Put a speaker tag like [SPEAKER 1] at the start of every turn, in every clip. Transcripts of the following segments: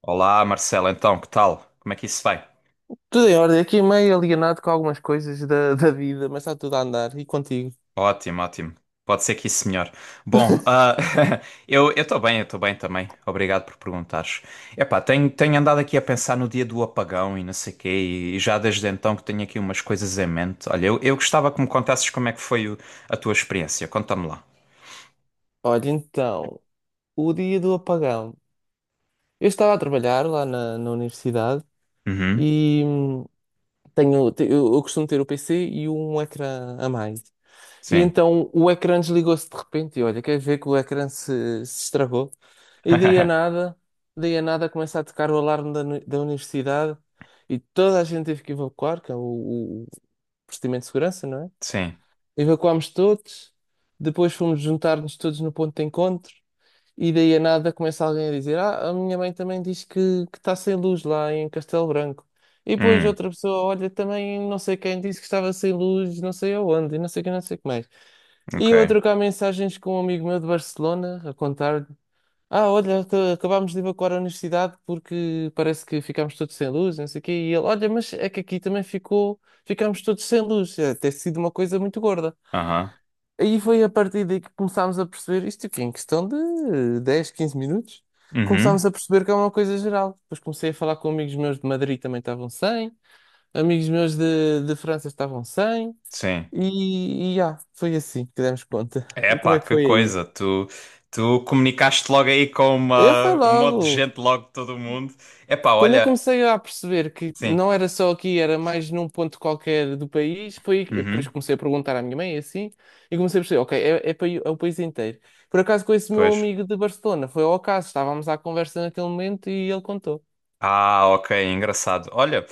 [SPEAKER 1] Olá, Marcelo, então, que tal? Como é que isso vai?
[SPEAKER 2] Tudo em ordem, aqui meio alienado com algumas coisas da vida, mas está tudo a andar. E contigo?
[SPEAKER 1] Ótimo, ótimo. Pode ser que isso melhore. Bom, eu estou bem, eu estou bem também. Obrigado por perguntares. Epá, tenho andado aqui a pensar no dia do apagão e não sei quê, e já desde então que tenho aqui umas coisas em mente. Olha, eu gostava que me contasses como é que foi o- a tua experiência. Conta-me lá.
[SPEAKER 2] Olha, então, o dia do apagão. Eu estava a trabalhar lá na universidade
[SPEAKER 1] Uhum,
[SPEAKER 2] e eu costumo ter o PC e um ecrã a mais. E
[SPEAKER 1] sim.
[SPEAKER 2] então o ecrã desligou-se de repente e olha, quer ver que o ecrã se estragou? E daí a nada começa a tocar o alarme da universidade e toda a gente teve que evacuar, que é o procedimento de segurança, não é?
[SPEAKER 1] Sim.
[SPEAKER 2] Evacuámos todos, depois fomos juntar-nos todos no ponto de encontro, e daí a nada começa alguém a dizer: Ah, a minha mãe também diz que está sem luz lá em Castelo Branco. E depois
[SPEAKER 1] Hum,
[SPEAKER 2] outra pessoa, olha, também não sei quem disse que estava sem luz, não sei aonde, e não sei o que, não sei o que mais. E eu a
[SPEAKER 1] ok.
[SPEAKER 2] trocar mensagens com um amigo meu de Barcelona, a contar-lhe: Ah, olha, acabámos de evacuar a universidade porque parece que ficámos todos sem luz, não sei o quê. E ele: Olha, mas é que aqui também ficámos todos sem luz. É, ter sido uma coisa muito gorda.
[SPEAKER 1] Aham.
[SPEAKER 2] Aí foi a partir daí que começámos a perceber isto aqui, em questão de 10, 15 minutos,
[SPEAKER 1] Uhum,
[SPEAKER 2] começámos a perceber que é uma coisa geral. Depois comecei a falar com amigos meus de Madrid também estavam sem, amigos meus de França estavam sem,
[SPEAKER 1] sim.
[SPEAKER 2] foi assim que demos conta.
[SPEAKER 1] É
[SPEAKER 2] E como
[SPEAKER 1] pá,
[SPEAKER 2] é que
[SPEAKER 1] que
[SPEAKER 2] foi aí?
[SPEAKER 1] coisa, tu comunicaste logo aí com
[SPEAKER 2] Eu fui
[SPEAKER 1] um monte de
[SPEAKER 2] logo.
[SPEAKER 1] gente, logo de todo mundo. É pá,
[SPEAKER 2] Quando eu
[SPEAKER 1] olha,
[SPEAKER 2] comecei a perceber que
[SPEAKER 1] sim,
[SPEAKER 2] não era só aqui, era mais num ponto qualquer do país, foi depois
[SPEAKER 1] uhum,
[SPEAKER 2] comecei a perguntar à minha mãe assim, e comecei a perceber, ok, é o país inteiro. Por acaso com esse meu
[SPEAKER 1] pois.
[SPEAKER 2] amigo de Barcelona, foi ao acaso, estávamos à conversa naquele momento e ele contou.
[SPEAKER 1] Ah, ok, engraçado. Olha,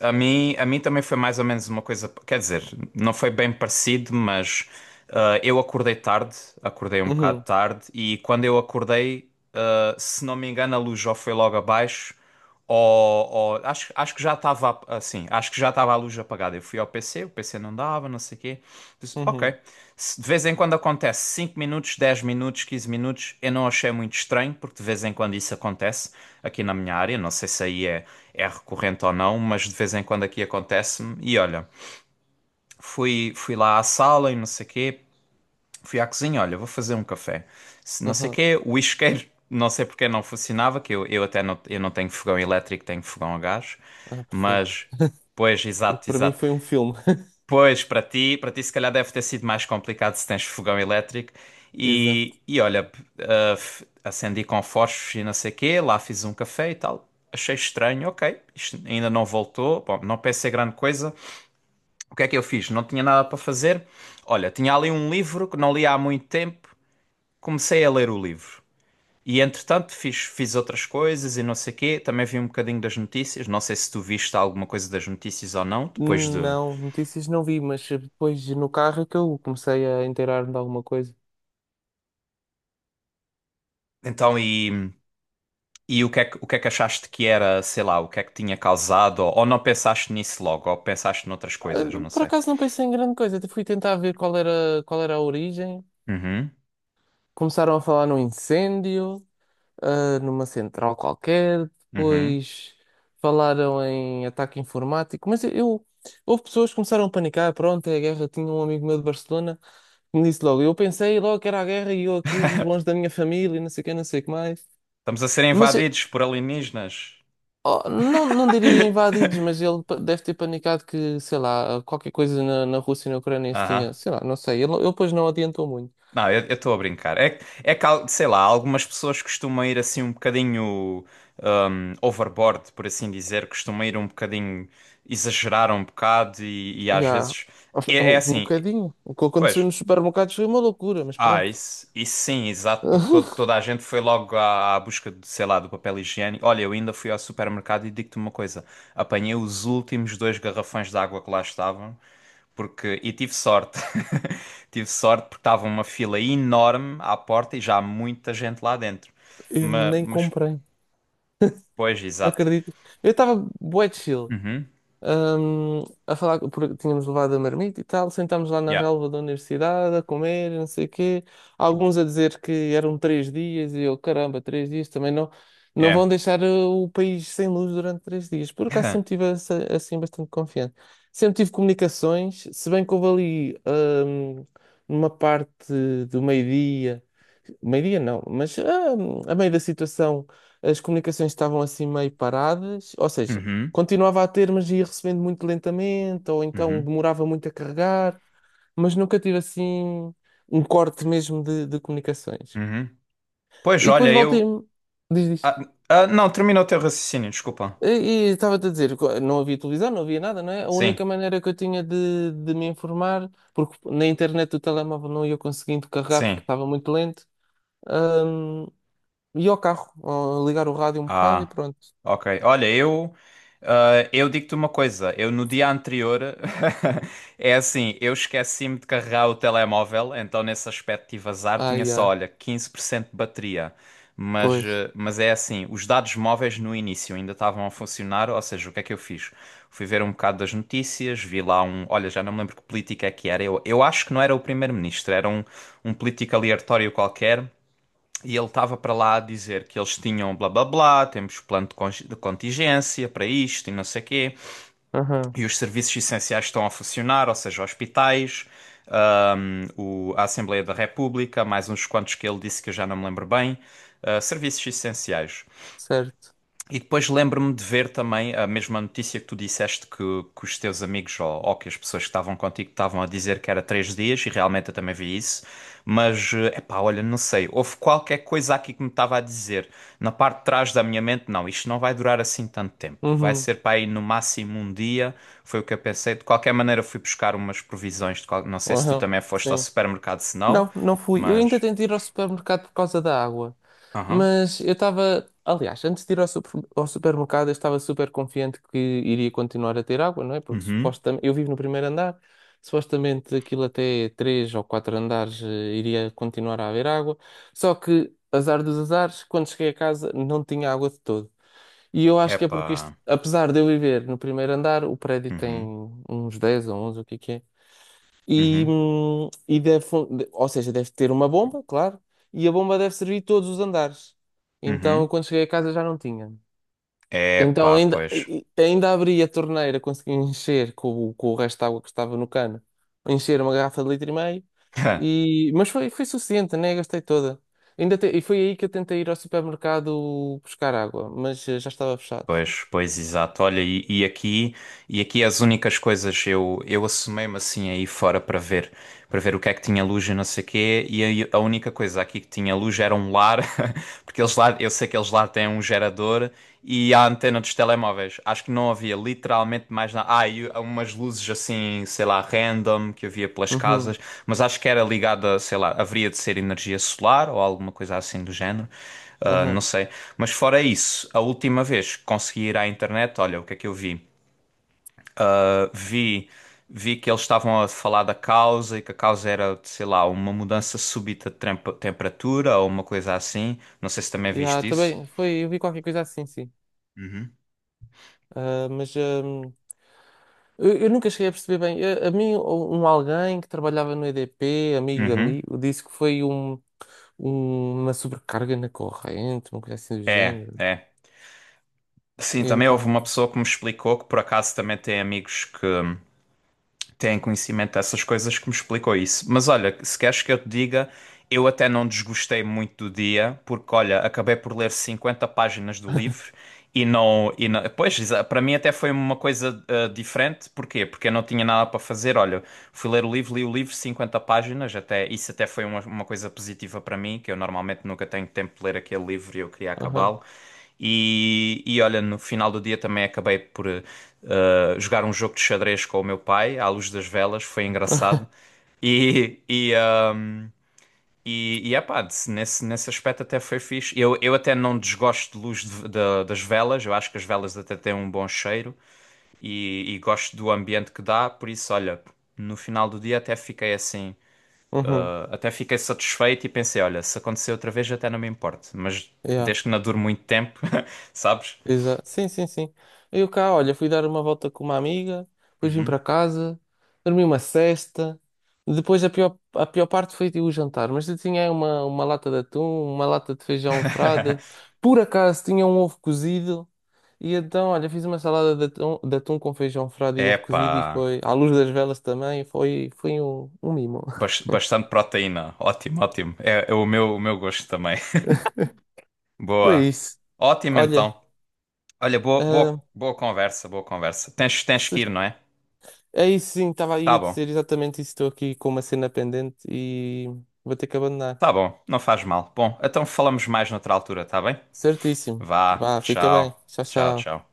[SPEAKER 1] a mim também foi mais ou menos uma coisa, quer dizer, não foi bem parecido, mas eu acordei tarde, acordei um bocado
[SPEAKER 2] Uhum,
[SPEAKER 1] tarde, e quando eu acordei, se não me engano, a luz já foi logo abaixo, acho, acho que já estava assim, acho que já estava a luz apagada. Eu fui ao PC, o PC não dava, não sei o quê. Disse, ok,
[SPEAKER 2] uhum,
[SPEAKER 1] se de vez em quando acontece 5 minutos, 10 minutos, 15 minutos, eu não achei muito estranho, porque de vez em quando isso acontece aqui na minha área. Não sei se aí é, é recorrente ou não, mas de vez em quando aqui acontece-me. E olha, fui lá à sala e não sei quê, fui à cozinha, olha, vou fazer um café. Se não sei
[SPEAKER 2] uhum.
[SPEAKER 1] quê, o isqueiro, não sei porque não funcionava, que eu até não, eu não tenho fogão elétrico, tenho fogão a gás,
[SPEAKER 2] Ah, perfeito.
[SPEAKER 1] mas. Pois,
[SPEAKER 2] Porque
[SPEAKER 1] exato,
[SPEAKER 2] para mim
[SPEAKER 1] exato.
[SPEAKER 2] foi um filme.
[SPEAKER 1] Pois, para ti se calhar deve ter sido mais complicado se tens fogão elétrico.
[SPEAKER 2] Exato.
[SPEAKER 1] E olha, acendi com fósforos e não sei quê, lá fiz um café e tal. Achei estranho, ok, isto ainda não voltou. Bom, não pensei grande coisa. O que é que eu fiz? Não tinha nada para fazer. Olha, tinha ali um livro que não li há muito tempo. Comecei a ler o livro. E entretanto fiz outras coisas e não sei quê. Também vi um bocadinho das notícias. Não sei se tu viste alguma coisa das notícias ou não, depois de.
[SPEAKER 2] Não, notícias não vi, mas depois no carro é que eu comecei a inteirar-me de alguma coisa.
[SPEAKER 1] Então, e. E o que é que, o que é que achaste que era, sei lá, o que é que tinha causado? Ou não pensaste nisso logo, ou pensaste noutras
[SPEAKER 2] Ah,
[SPEAKER 1] coisas, não
[SPEAKER 2] por
[SPEAKER 1] sei.
[SPEAKER 2] acaso não pensei em grande coisa, até fui tentar ver qual era a origem.
[SPEAKER 1] Uhum,
[SPEAKER 2] Começaram a falar num incêndio, ah, numa central qualquer,
[SPEAKER 1] uhum.
[SPEAKER 2] depois falaram em ataque informático, mas eu, houve pessoas que começaram a panicar, pronto, é a guerra, tinha um amigo meu de Barcelona que me disse logo, eu pensei logo que era a guerra e eu aqui longe da minha família, e não sei o que, não sei o que mais.
[SPEAKER 1] Estamos a ser
[SPEAKER 2] Mas
[SPEAKER 1] invadidos por alienígenas.
[SPEAKER 2] oh, não, não diria invadidos, mas ele deve ter panicado que, sei lá, qualquer coisa na Rússia e na Ucrânia se
[SPEAKER 1] Aham.
[SPEAKER 2] tinha, sei lá, não sei, ele depois não adiantou muito.
[SPEAKER 1] Não, eu estou a brincar. Sei lá, algumas pessoas costumam ir assim um bocadinho overboard, por assim dizer, costumam ir um bocadinho, exagerar um bocado e às
[SPEAKER 2] Já,
[SPEAKER 1] vezes. É, é
[SPEAKER 2] um
[SPEAKER 1] assim,
[SPEAKER 2] bocadinho. O que aconteceu
[SPEAKER 1] pois,
[SPEAKER 2] nos supermercados foi uma loucura, mas
[SPEAKER 1] ah,
[SPEAKER 2] pronto.
[SPEAKER 1] isso sim, exato, porque toda a gente foi logo à, à busca de, sei lá, do papel higiênico. Olha, eu ainda fui ao supermercado e digo-te uma coisa: apanhei os últimos dois garrafões de água que lá estavam, porque, e tive sorte. Tive sorte porque estava uma fila enorme à porta e já há muita gente lá dentro.
[SPEAKER 2] Eu nem
[SPEAKER 1] Mas
[SPEAKER 2] comprei.
[SPEAKER 1] pois,
[SPEAKER 2] Não
[SPEAKER 1] exato.
[SPEAKER 2] acredito. Eu estava bué chill.
[SPEAKER 1] Uhum,
[SPEAKER 2] A falar, porque tínhamos levado a marmita e tal, sentámos lá na
[SPEAKER 1] yeah,
[SPEAKER 2] relva da universidade a comer, não sei o quê. Alguns a dizer que eram três dias e eu, caramba, três dias também não, não vão
[SPEAKER 1] é.
[SPEAKER 2] deixar o país sem luz durante três dias. Por acaso sempre tive assim bastante confiante. Sempre tive comunicações, se bem que houve ali, numa parte do meio-dia, meio-dia não, mas a meio da situação as comunicações estavam assim meio paradas, ou seja
[SPEAKER 1] Uhum,
[SPEAKER 2] continuava a ter, mas ia recebendo muito lentamente, ou então
[SPEAKER 1] uhum,
[SPEAKER 2] demorava muito a carregar, mas nunca tive assim um corte mesmo de comunicações.
[SPEAKER 1] uhum. Pois,
[SPEAKER 2] E depois
[SPEAKER 1] olha, eu.
[SPEAKER 2] voltei-me, diz,
[SPEAKER 1] Ah,
[SPEAKER 2] diz.
[SPEAKER 1] ah, não, termina o teu raciocínio, desculpa.
[SPEAKER 2] E, e estava-te a dizer, não havia televisão, não havia nada, não é? A
[SPEAKER 1] Sim,
[SPEAKER 2] única maneira que eu tinha de me informar, porque na internet do telemóvel não ia conseguindo carregar porque
[SPEAKER 1] sim.
[SPEAKER 2] estava muito lento, hum, ia ao carro, ó, ligar o rádio um bocado e
[SPEAKER 1] Ah,
[SPEAKER 2] pronto.
[SPEAKER 1] ok. Olha, eu, ah, eu digo-te uma coisa. Eu no dia anterior é assim, eu esqueci-me de carregar o telemóvel, então nesse aspecto tive azar,
[SPEAKER 2] Ah,
[SPEAKER 1] tinha só,
[SPEAKER 2] yeah.
[SPEAKER 1] olha, 15% de bateria. Mas,
[SPEAKER 2] Pois.
[SPEAKER 1] eh, mas é assim, os dados móveis no início ainda estavam a funcionar, ou seja, o que é que eu fiz? Fui ver um bocado das notícias, vi lá um. Olha, já não me lembro que político é que era. Eu acho que não era o primeiro-ministro, era um, um político aleatório qualquer. E ele estava para lá a dizer que eles tinham blá blá blá, temos plano de contingência para isto e não sei o quê,
[SPEAKER 2] Aham,
[SPEAKER 1] e os serviços essenciais estão a funcionar, ou seja, hospitais, a Assembleia da República, mais uns quantos que ele disse que eu já não me lembro bem, ah, serviços essenciais.
[SPEAKER 2] certo.
[SPEAKER 1] E depois lembro-me de ver também a mesma notícia que tu disseste que os teus amigos ou que as pessoas que estavam contigo estavam a dizer que era 3 dias, e realmente eu também vi isso. Mas, eh, epá, olha, não sei, houve qualquer coisa aqui que me estava a dizer. Na parte de trás da minha mente, não, isto não vai durar assim tanto tempo. Vai
[SPEAKER 2] Uhum,
[SPEAKER 1] ser para aí no máximo um dia, foi o que eu pensei. De qualquer maneira, fui buscar umas provisões. Não sei se tu
[SPEAKER 2] aham,
[SPEAKER 1] também foste ao
[SPEAKER 2] sim.
[SPEAKER 1] supermercado, se não,
[SPEAKER 2] Não, não fui. Eu
[SPEAKER 1] mas.
[SPEAKER 2] ainda tentei ir ao supermercado por causa da água.
[SPEAKER 1] Aham.
[SPEAKER 2] Mas eu estava. Aliás, antes de ir ao supermercado, eu estava super confiante que iria continuar a ter água, não é? Porque
[SPEAKER 1] Uhum.
[SPEAKER 2] supostamente. Eu vivo no primeiro andar, supostamente aquilo até três ou quatro andares iria continuar a haver água. Só que, azar dos azares, quando cheguei a casa não tinha água de todo. E eu acho que é porque isto,
[SPEAKER 1] Epá.
[SPEAKER 2] apesar de eu viver no primeiro andar, o prédio tem
[SPEAKER 1] Uhum.
[SPEAKER 2] uns 10 ou onze, o que é que é?
[SPEAKER 1] Uhum.
[SPEAKER 2] Ou seja, deve ter uma bomba, claro, e a bomba deve servir todos os andares. Então,
[SPEAKER 1] Uhum.
[SPEAKER 2] quando cheguei a casa já não tinha.
[SPEAKER 1] É,
[SPEAKER 2] Então,
[SPEAKER 1] pá, pois.
[SPEAKER 2] ainda abri a torneira, consegui encher com o resto de água que estava no cano, encher uma garrafa de litro e meio, e, mas foi, foi suficiente, né? Gastei toda. E foi aí que eu tentei ir ao supermercado buscar água, mas já estava fechado.
[SPEAKER 1] Pois, pois, exato. Olha, e aqui as únicas coisas eu assomei-me assim aí fora para ver o que é que tinha luz e não sei quê, e aí a única coisa aqui que tinha luz era um lar, porque eles lá, eu sei que eles lá têm um gerador e a antena dos telemóveis. Acho que não havia literalmente mais nada. Ah, e umas luzes assim, sei lá, random que havia pelas
[SPEAKER 2] Uhum,
[SPEAKER 1] casas, mas acho que era ligada, sei lá, haveria de ser energia solar ou alguma coisa assim do género. Ah, não
[SPEAKER 2] aham.
[SPEAKER 1] sei. Mas fora isso, a última vez que consegui ir à internet, olha, o que é que eu vi? Ah, vi que eles estavam a falar da causa e que a causa era, sei lá, uma mudança súbita de temperatura ou uma coisa assim. Não sei se também
[SPEAKER 2] Yeah,
[SPEAKER 1] viste isso.
[SPEAKER 2] também foi, eu vi qualquer coisa assim, sim. Ah, eu nunca cheguei a perceber bem. A mim, um alguém que trabalhava no EDP, amigo de
[SPEAKER 1] Uhum.
[SPEAKER 2] amigo, disse que foi um, uma sobrecarga na corrente, uma coisa assim do
[SPEAKER 1] É,
[SPEAKER 2] género.
[SPEAKER 1] é. Sim,
[SPEAKER 2] E
[SPEAKER 1] também houve uma
[SPEAKER 2] então.
[SPEAKER 1] pessoa que me explicou, que por acaso também tem amigos que têm conhecimento dessas coisas, que me explicou isso. Mas olha, se queres que eu te diga, eu até não desgostei muito do dia, porque olha, acabei por ler 50 páginas do livro. E não, pois, para mim até foi uma coisa ah, diferente. Porquê? Porque eu não tinha nada para fazer. Olha, fui ler o livro, li o livro, 50 páginas. Até, isso até foi uma coisa positiva para mim, que eu normalmente nunca tenho tempo de ler aquele livro e eu queria
[SPEAKER 2] Aham.
[SPEAKER 1] acabá-lo. E olha, no final do dia também acabei por ah, jogar um jogo de xadrez com o meu pai, à luz das velas. Foi engraçado. E, e, ah, epá, se nesse aspecto até foi fixe. Eu até não desgosto de das velas, eu acho que as velas até têm um bom cheiro e gosto do ambiente que dá, por isso, olha, no final do dia até fiquei assim,
[SPEAKER 2] Uhum.
[SPEAKER 1] até fiquei satisfeito e pensei, olha, se acontecer outra vez até não me importo, mas
[SPEAKER 2] Yeah.
[SPEAKER 1] desde que não dure muito tempo, sabes?
[SPEAKER 2] Exa sim, sim, sim. Eu cá, olha, fui dar uma volta com uma amiga, depois vim
[SPEAKER 1] Uhum.
[SPEAKER 2] para casa, dormi uma sesta. Depois a pior parte foi tipo, o jantar, mas eu tinha uma lata de atum, uma lata de feijão frade, por acaso tinha um ovo cozido, e então, olha, fiz uma salada de atum com feijão frade e
[SPEAKER 1] É
[SPEAKER 2] ovo cozido, e
[SPEAKER 1] pá,
[SPEAKER 2] foi, à luz das velas também, foi, foi um mimo.
[SPEAKER 1] bastante proteína, ótimo, ótimo, é o meu gosto também.
[SPEAKER 2] Foi
[SPEAKER 1] Boa,
[SPEAKER 2] isso.
[SPEAKER 1] ótimo
[SPEAKER 2] Olha,
[SPEAKER 1] então. Olha, boa,
[SPEAKER 2] ah,
[SPEAKER 1] boa conversa, boa conversa. Tens
[SPEAKER 2] se
[SPEAKER 1] que ir, não é?
[SPEAKER 2] é isso, sim, estava aí
[SPEAKER 1] Tá
[SPEAKER 2] a
[SPEAKER 1] bom,
[SPEAKER 2] dizer exatamente isso. Estou aqui com uma cena pendente e vou ter que abandonar.
[SPEAKER 1] tá bom, não faz mal. Bom, então falamos mais noutra altura, tá bem?
[SPEAKER 2] Certíssimo.
[SPEAKER 1] Vá,
[SPEAKER 2] Vá, fica bem.
[SPEAKER 1] tchau,
[SPEAKER 2] Tchau,
[SPEAKER 1] tchau,
[SPEAKER 2] tchau.
[SPEAKER 1] tchau.